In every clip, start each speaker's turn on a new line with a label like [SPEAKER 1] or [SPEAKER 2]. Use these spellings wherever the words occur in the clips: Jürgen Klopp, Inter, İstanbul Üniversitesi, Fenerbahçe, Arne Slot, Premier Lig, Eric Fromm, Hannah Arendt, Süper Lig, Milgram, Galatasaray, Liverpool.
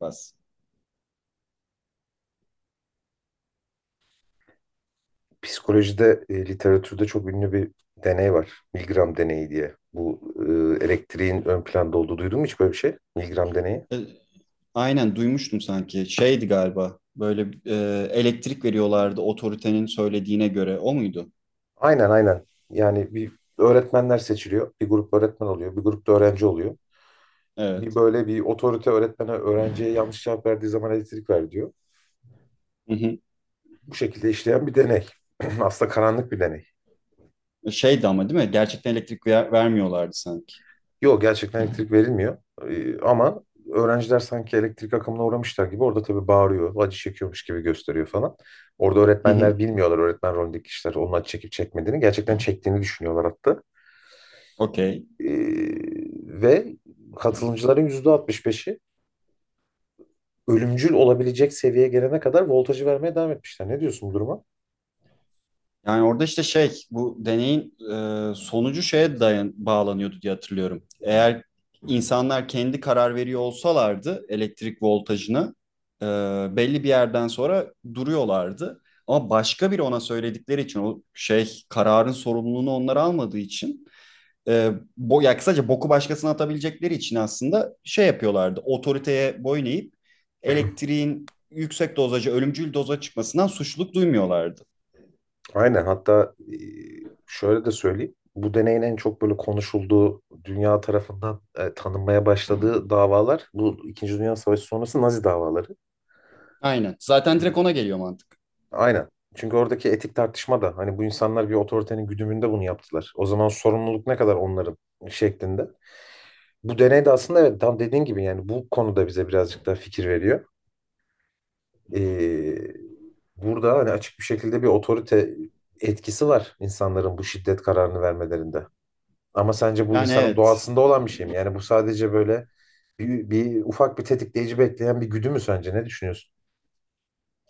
[SPEAKER 1] Bas.
[SPEAKER 2] Psikolojide, literatürde çok ünlü bir deney var. Milgram deneyi diye. Bu elektriğin ön planda olduğu duydun mu hiç böyle bir şey? Milgram deneyi.
[SPEAKER 1] E, aynen duymuştum sanki. Şeydi galiba. Böyle elektrik veriyorlardı otoritenin söylediğine göre. O muydu?
[SPEAKER 2] Aynen aynen. Yani bir öğretmenler seçiliyor. Bir grup öğretmen oluyor. Bir grupta öğrenci oluyor. Bir
[SPEAKER 1] Evet.
[SPEAKER 2] böyle bir otorite öğretmene öğrenciye yanlış cevap verdiği zaman elektrik ver diyor.
[SPEAKER 1] Hı hı.
[SPEAKER 2] Bu şekilde işleyen bir deney. Aslında karanlık bir deney.
[SPEAKER 1] Şeydi ama değil mi? Gerçekten elektrik vermiyorlardı sanki.
[SPEAKER 2] Yok, gerçekten elektrik verilmiyor. Ama öğrenciler sanki elektrik akımına uğramışlar gibi orada tabii bağırıyor, acı çekiyormuş gibi gösteriyor falan. Orada
[SPEAKER 1] Hı hı.
[SPEAKER 2] öğretmenler bilmiyorlar, öğretmen rolündeki kişiler onun acı çekip çekmediğini. Gerçekten çektiğini düşünüyorlar hatta.
[SPEAKER 1] Okey.
[SPEAKER 2] Ee, ve katılımcıların %65'i ölümcül olabilecek seviyeye gelene kadar voltajı vermeye devam etmişler. Ne diyorsun bu duruma?
[SPEAKER 1] Yani orada işte şey bu deneyin sonucu şeye bağlanıyordu diye hatırlıyorum. Eğer insanlar kendi karar veriyor olsalardı elektrik voltajını e, belli bir yerden sonra duruyorlardı. Ama başka biri ona söyledikleri için o şey kararın sorumluluğunu onlar almadığı için e, bo ya kısaca boku başkasına atabilecekleri için aslında şey yapıyorlardı. Otoriteye boyun eğip elektriğin yüksek dozaja ölümcül doza çıkmasından suçluluk duymuyorlardı.
[SPEAKER 2] Aynen, hatta şöyle de söyleyeyim. Bu deneyin en çok böyle konuşulduğu, dünya tarafından tanınmaya başladığı davalar bu İkinci Dünya Savaşı sonrası Nazi davaları.
[SPEAKER 1] Aynen. Zaten direkt
[SPEAKER 2] Çünkü
[SPEAKER 1] ona geliyor mantık.
[SPEAKER 2] aynen. Çünkü oradaki etik tartışma da hani bu insanlar bir otoritenin güdümünde bunu yaptılar. O zaman sorumluluk ne kadar onların şeklinde. Bu deney de aslında evet tam dediğin gibi, yani bu konuda bize birazcık daha fikir veriyor. Ee, burada hani açık bir şekilde bir otorite etkisi var insanların bu şiddet kararını vermelerinde. Ama sence bu
[SPEAKER 1] Yani
[SPEAKER 2] insanın
[SPEAKER 1] evet.
[SPEAKER 2] doğasında olan bir şey mi? Yani bu sadece böyle bir ufak bir tetikleyici bekleyen bir güdü mü sence? Ne düşünüyorsun?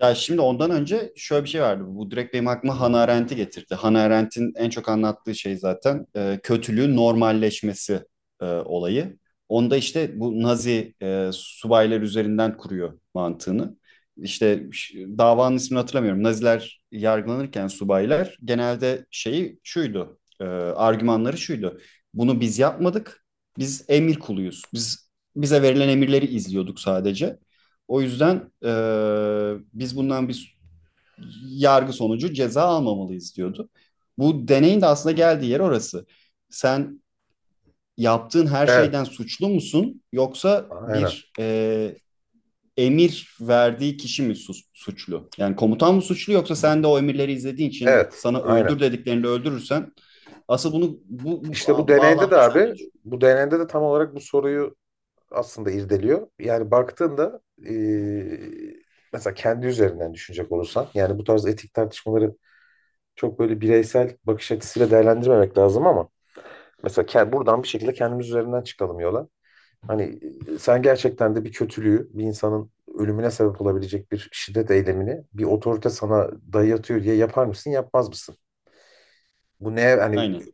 [SPEAKER 1] Ya şimdi ondan önce şöyle bir şey vardı. Bu direkt benim aklıma Hannah Arendt'i getirdi. Hannah Arendt'in en çok anlattığı şey zaten kötülüğün normalleşmesi olayı. Onda işte bu Nazi subaylar üzerinden kuruyor mantığını. İşte davanın ismini hatırlamıyorum. Naziler yargılanırken subaylar genelde şeyi şuydu. Argümanları şuydu. Bunu biz yapmadık. Biz emir kuluyuz. Biz bize verilen emirleri izliyorduk sadece. O yüzden biz bundan bir yargı sonucu ceza almamalıyız diyordu. Bu deneyin de aslında geldiği yer orası. Sen yaptığın her şeyden
[SPEAKER 2] Evet,
[SPEAKER 1] suçlu musun yoksa
[SPEAKER 2] aynen.
[SPEAKER 1] bir emir verdiği kişi mi suçlu? Yani komutan mı suçlu yoksa sen de o emirleri izlediğin için
[SPEAKER 2] Evet,
[SPEAKER 1] sana
[SPEAKER 2] aynen.
[SPEAKER 1] öldür dediklerini öldürürsen asıl bunu bu
[SPEAKER 2] İşte bu deneyde de
[SPEAKER 1] bağlamda sen de
[SPEAKER 2] abi,
[SPEAKER 1] düşün.
[SPEAKER 2] bu deneyde de tam olarak bu soruyu aslında irdeliyor. Yani baktığında mesela kendi üzerinden düşünecek olursan, yani bu tarz etik tartışmaları çok böyle bireysel bakış açısıyla değerlendirmemek lazım ama mesela buradan bir şekilde kendimiz üzerinden çıkalım yola. Hani sen gerçekten de bir kötülüğü, bir insanın ölümüne sebep olabilecek bir şiddet eylemini bir otorite sana dayatıyor diye yapar mısın, yapmaz mısın? Bu neye hani
[SPEAKER 1] Aynen.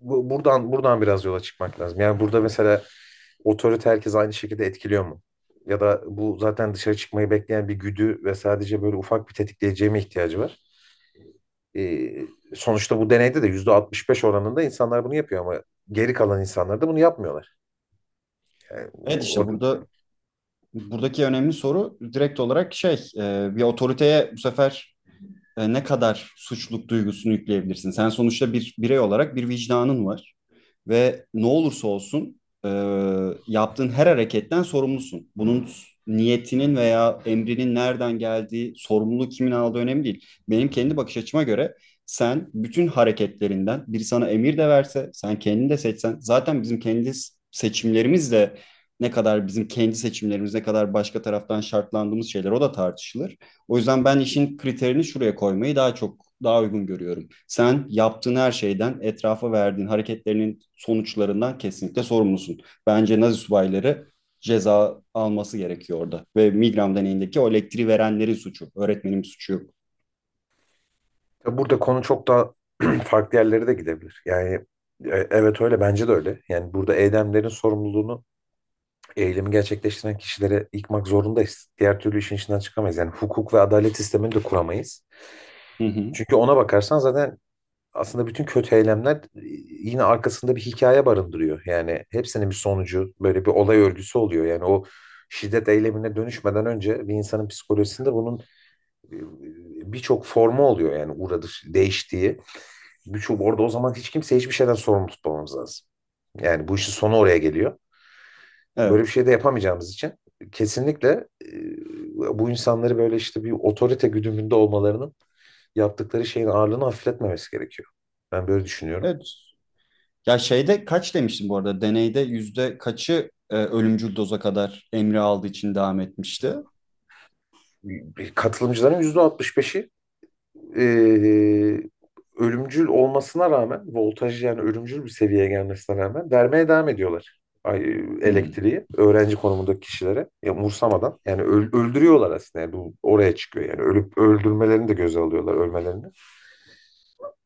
[SPEAKER 2] buradan biraz yola çıkmak lazım. Yani burada mesela otorite herkes aynı şekilde etkiliyor mu? Ya da bu zaten dışarı çıkmayı bekleyen bir güdü ve sadece böyle ufak bir tetikleyiciye mi ihtiyacı var? E, sonuçta bu deneyde de %65 oranında insanlar bunu yapıyor ama geri kalan insanlar da bunu yapmıyorlar. Yani
[SPEAKER 1] Evet işte
[SPEAKER 2] o-
[SPEAKER 1] buradaki önemli soru direkt olarak şey bir otoriteye bu sefer ne kadar suçluluk duygusunu yükleyebilirsin? Sen sonuçta bir birey olarak bir vicdanın var ve ne olursa olsun e, yaptığın her hareketten sorumlusun. Bunun niyetinin veya emrinin nereden geldiği, sorumluluğu kimin aldığı önemli değil. Benim kendi bakış açıma göre sen bütün hareketlerinden biri sana emir de verse, sen kendini de seçsen, zaten bizim kendi seçimlerimiz de ne kadar bizim kendi seçimlerimiz ne kadar başka taraftan şartlandığımız şeyler o da tartışılır. O yüzden ben işin kriterini şuraya koymayı daha çok daha uygun görüyorum. Sen yaptığın her şeyden, etrafa verdiğin hareketlerinin sonuçlarından kesinlikle sorumlusun. Bence Nazi subayları ceza alması gerekiyor orada. Ve Milgram deneyindeki o elektriği verenlerin suçu. Öğretmenin suçu yok.
[SPEAKER 2] Tabii, burada konu çok daha farklı yerlere de gidebilir. Yani evet, öyle, bence de öyle. Yani burada eylemlerin sorumluluğunu eylemi gerçekleştiren kişilere yıkmak zorundayız. Diğer türlü işin içinden çıkamayız. Yani hukuk ve adalet sistemini de kuramayız.
[SPEAKER 1] Hı hı.
[SPEAKER 2] Çünkü ona bakarsan zaten aslında bütün kötü eylemler yine arkasında bir hikaye barındırıyor. Yani hepsinin bir sonucu böyle bir olay örgüsü oluyor. Yani o şiddet eylemine dönüşmeden önce bir insanın psikolojisinde bunun birçok formu oluyor, yani uğradı değiştiği. Birçok orada, o zaman hiç kimse hiçbir şeyden sorumlu tutmamamız lazım. Yani bu işin sonu oraya geliyor. Böyle bir
[SPEAKER 1] Evet.
[SPEAKER 2] şey de yapamayacağımız için kesinlikle bu insanları böyle işte bir otorite güdümünde olmalarının yaptıkları şeyin ağırlığını hafifletmemesi gerekiyor. Ben böyle düşünüyorum.
[SPEAKER 1] Evet. Ya şeyde kaç demiştim bu arada? Deneyde yüzde kaçı ölümcül doza kadar emri aldığı için devam etmişti?
[SPEAKER 2] Katılımcıların %65'i e, ölümcül olmasına rağmen voltaj, yani ölümcül bir seviyeye gelmesine rağmen vermeye devam ediyorlar, ay-
[SPEAKER 1] Hı.
[SPEAKER 2] elektriği öğrenci konumundaki kişilere, ya umursamadan, yani öldürüyorlar aslında, yani bu oraya çıkıyor, yani ölüp öldürmelerini de göze alıyorlar, ölmelerini.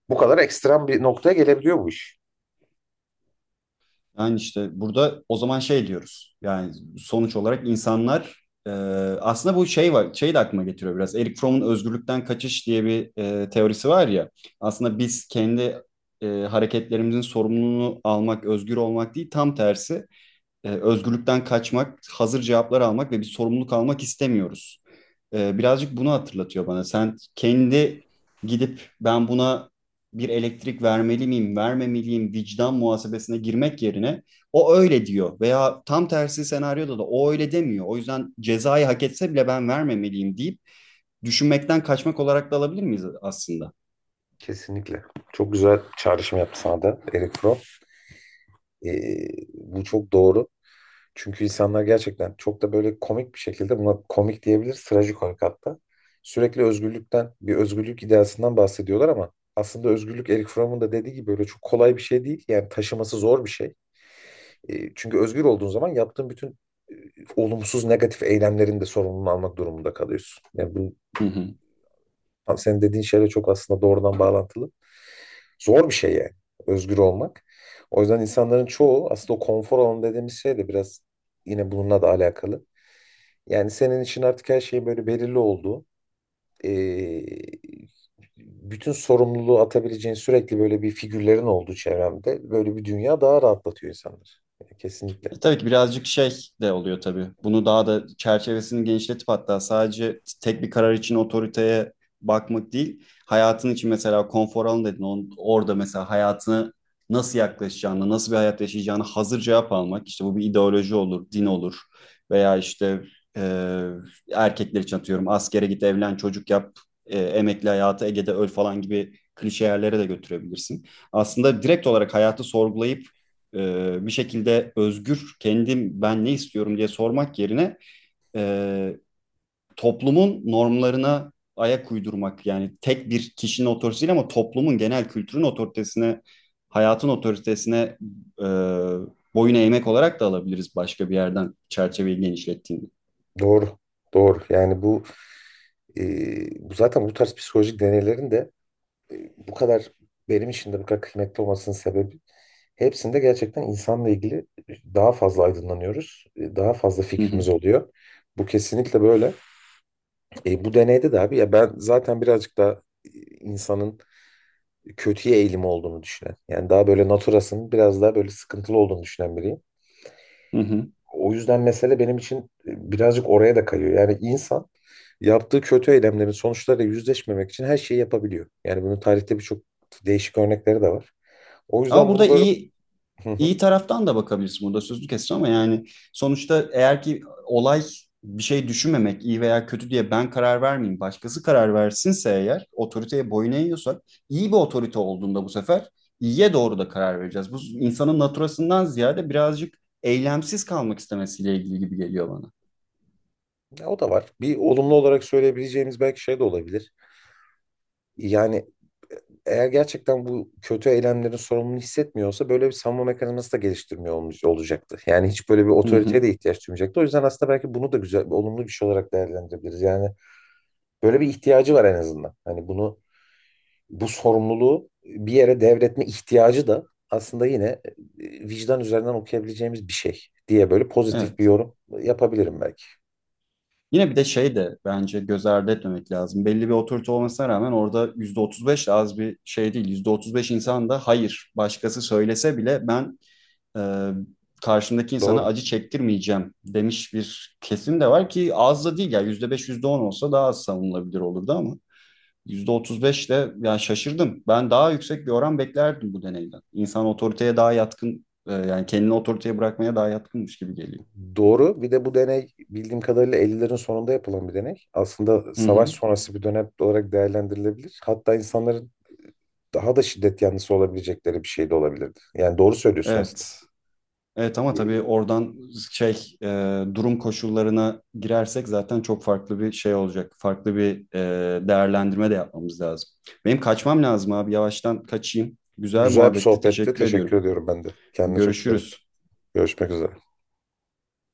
[SPEAKER 2] Bu kadar ekstrem bir noktaya gelebiliyor bu iş.
[SPEAKER 1] Yani işte burada o zaman şey diyoruz. Yani sonuç olarak insanlar e, aslında bu şey var, şey de aklıma getiriyor biraz. Eric Fromm'un özgürlükten kaçış diye bir teorisi var ya. Aslında biz kendi hareketlerimizin sorumluluğunu almak, özgür olmak değil, tam tersi özgürlükten kaçmak, hazır cevaplar almak ve bir sorumluluk almak istemiyoruz. Birazcık bunu hatırlatıyor bana. Sen kendi gidip ben buna bir elektrik vermeli miyim, vermemeliyim vicdan muhasebesine girmek yerine o öyle diyor veya tam tersi senaryoda da o öyle demiyor. O yüzden cezayı hak etse bile ben vermemeliyim deyip düşünmekten kaçmak olarak da alabilir miyiz aslında?
[SPEAKER 2] Kesinlikle. Çok güzel çağrışım yaptı sana da Eric Fromm. Ee, bu çok doğru. Çünkü insanlar gerçekten çok da böyle komik bir şekilde, buna komik diyebiliriz, trajikomik hatta. Sürekli özgürlükten, bir özgürlük ideasından bahsediyorlar ama aslında özgürlük Eric Fromm'un da dediği gibi böyle çok kolay bir şey değil. Yani taşıması zor bir şey. Çünkü özgür olduğun zaman yaptığın bütün e, olumsuz, negatif eylemlerin de sorumluluğunu almak durumunda kalıyorsun. Yani bu
[SPEAKER 1] Hı hı.
[SPEAKER 2] tam senin dediğin şeyle çok aslında doğrudan bağlantılı. Zor bir şey, yani özgür olmak. O yüzden insanların çoğu aslında o konfor alanı dediğimiz şey de biraz yine bununla da alakalı. Yani senin için artık her şey böyle belirli olduğu, eee, bütün sorumluluğu atabileceğin sürekli böyle bir figürlerin olduğu çevremde böyle bir dünya daha rahatlatıyor insanlar. Kesinlikle.
[SPEAKER 1] Tabii ki birazcık şey de oluyor tabii. Bunu daha da çerçevesini genişletip hatta sadece tek bir karar için otoriteye bakmak değil. Hayatın için mesela konfor alanı dedin. Orada mesela hayatını nasıl yaklaşacağını, nasıl bir hayat yaşayacağını hazır cevap almak. İşte bu bir ideoloji olur, din olur veya işte e, erkekler için atıyorum askere git, evlen, çocuk yap, emekli hayatı Ege'de öl falan gibi klişe yerlere de götürebilirsin. Aslında direkt olarak hayatı sorgulayıp bir şekilde özgür kendim ben ne istiyorum diye sormak yerine e, toplumun normlarına ayak uydurmak yani tek bir kişinin otoritesi değil ama toplumun genel kültürün otoritesine hayatın otoritesine e, boyun eğmek olarak da alabiliriz başka bir yerden çerçeveyi genişlettiğinde.
[SPEAKER 2] Doğru. Doğru. Yani bu bu zaten bu tarz psikolojik deneylerin de bu kadar benim için de bu kadar kıymetli olmasının sebebi, hepsinde gerçekten insanla ilgili daha fazla aydınlanıyoruz. Daha fazla
[SPEAKER 1] Hı
[SPEAKER 2] fikrimiz
[SPEAKER 1] hı,
[SPEAKER 2] oluyor. Bu kesinlikle böyle. Bu deneyde de abi ya, ben zaten birazcık daha insanın kötüye eğilimi olduğunu düşünen. Yani daha böyle naturasının biraz daha böyle sıkıntılı olduğunu düşünen biriyim.
[SPEAKER 1] hı hı.
[SPEAKER 2] O yüzden mesele benim için birazcık oraya da kayıyor. Yani insan yaptığı kötü eylemlerin sonuçlarıyla yüzleşmemek için her şeyi yapabiliyor. Yani bunun tarihte birçok değişik örnekleri de var. O
[SPEAKER 1] Ama
[SPEAKER 2] yüzden
[SPEAKER 1] burada
[SPEAKER 2] bunu böyle.
[SPEAKER 1] iyi
[SPEAKER 2] Hı hı.
[SPEAKER 1] iyi taraftan da bakabilirsin, burada sözünü kestim ama yani sonuçta eğer ki olay bir şey düşünmemek, iyi veya kötü diye ben karar vermeyeyim başkası karar versinse, eğer otoriteye boyun eğiyorsak iyi bir otorite olduğunda bu sefer iyiye doğru da karar vereceğiz. Bu insanın naturasından ziyade birazcık eylemsiz kalmak istemesiyle ilgili gibi geliyor bana.
[SPEAKER 2] Ya, o da var. Bir olumlu olarak söyleyebileceğimiz belki şey de olabilir. Yani eğer gerçekten bu kötü eylemlerin sorumluluğunu hissetmiyorsa, böyle bir savunma mekanizması da geliştirmiyor olacaktı. Yani hiç böyle bir
[SPEAKER 1] Hı
[SPEAKER 2] otoriteye
[SPEAKER 1] hı.
[SPEAKER 2] de ihtiyaç duymayacaktı. O yüzden aslında belki bunu da güzel, olumlu bir şey olarak değerlendirebiliriz. Yani böyle bir ihtiyacı var en azından. Hani bunu, bu sorumluluğu bir yere devretme ihtiyacı da aslında yine vicdan üzerinden okuyabileceğimiz bir şey diye böyle pozitif bir
[SPEAKER 1] Evet.
[SPEAKER 2] yorum yapabilirim belki.
[SPEAKER 1] Yine bir de şey de bence göz ardı etmemek lazım. Belli bir otorite olmasına rağmen orada %35 de az bir şey değil. %35 insan da hayır başkası söylese bile ben e, karşımdaki insana
[SPEAKER 2] Doğru.
[SPEAKER 1] acı çektirmeyeceğim demiş bir kesim de var ki az da değil ya, %5 yüzde on olsa daha az savunulabilir olurdu ama %35 de, yani şaşırdım. Ben daha yüksek bir oran beklerdim bu deneyden. İnsan otoriteye daha yatkın, yani kendini otoriteye bırakmaya daha yatkınmış gibi geliyor.
[SPEAKER 2] Doğru. Bir de bu deney bildiğim kadarıyla 50'lerin sonunda yapılan bir deney. Aslında
[SPEAKER 1] Hı
[SPEAKER 2] savaş
[SPEAKER 1] hı.
[SPEAKER 2] sonrası bir dönem olarak değerlendirilebilir. Hatta insanların daha da şiddet yanlısı olabilecekleri bir şey de olabilirdi. Yani doğru söylüyorsun aslında.
[SPEAKER 1] Evet. Evet ama tabii
[SPEAKER 2] E,
[SPEAKER 1] oradan şey durum koşullarına girersek zaten çok farklı bir şey olacak. Farklı bir değerlendirme de yapmamız lazım. Benim kaçmam lazım abi. Yavaştan kaçayım. Güzel
[SPEAKER 2] Güzel bir
[SPEAKER 1] muhabbetti.
[SPEAKER 2] sohbetti.
[SPEAKER 1] Teşekkür
[SPEAKER 2] Teşekkür
[SPEAKER 1] ediyorum.
[SPEAKER 2] ediyorum ben de. Kendine çok dikkat et.
[SPEAKER 1] Görüşürüz.
[SPEAKER 2] Görüşmek üzere.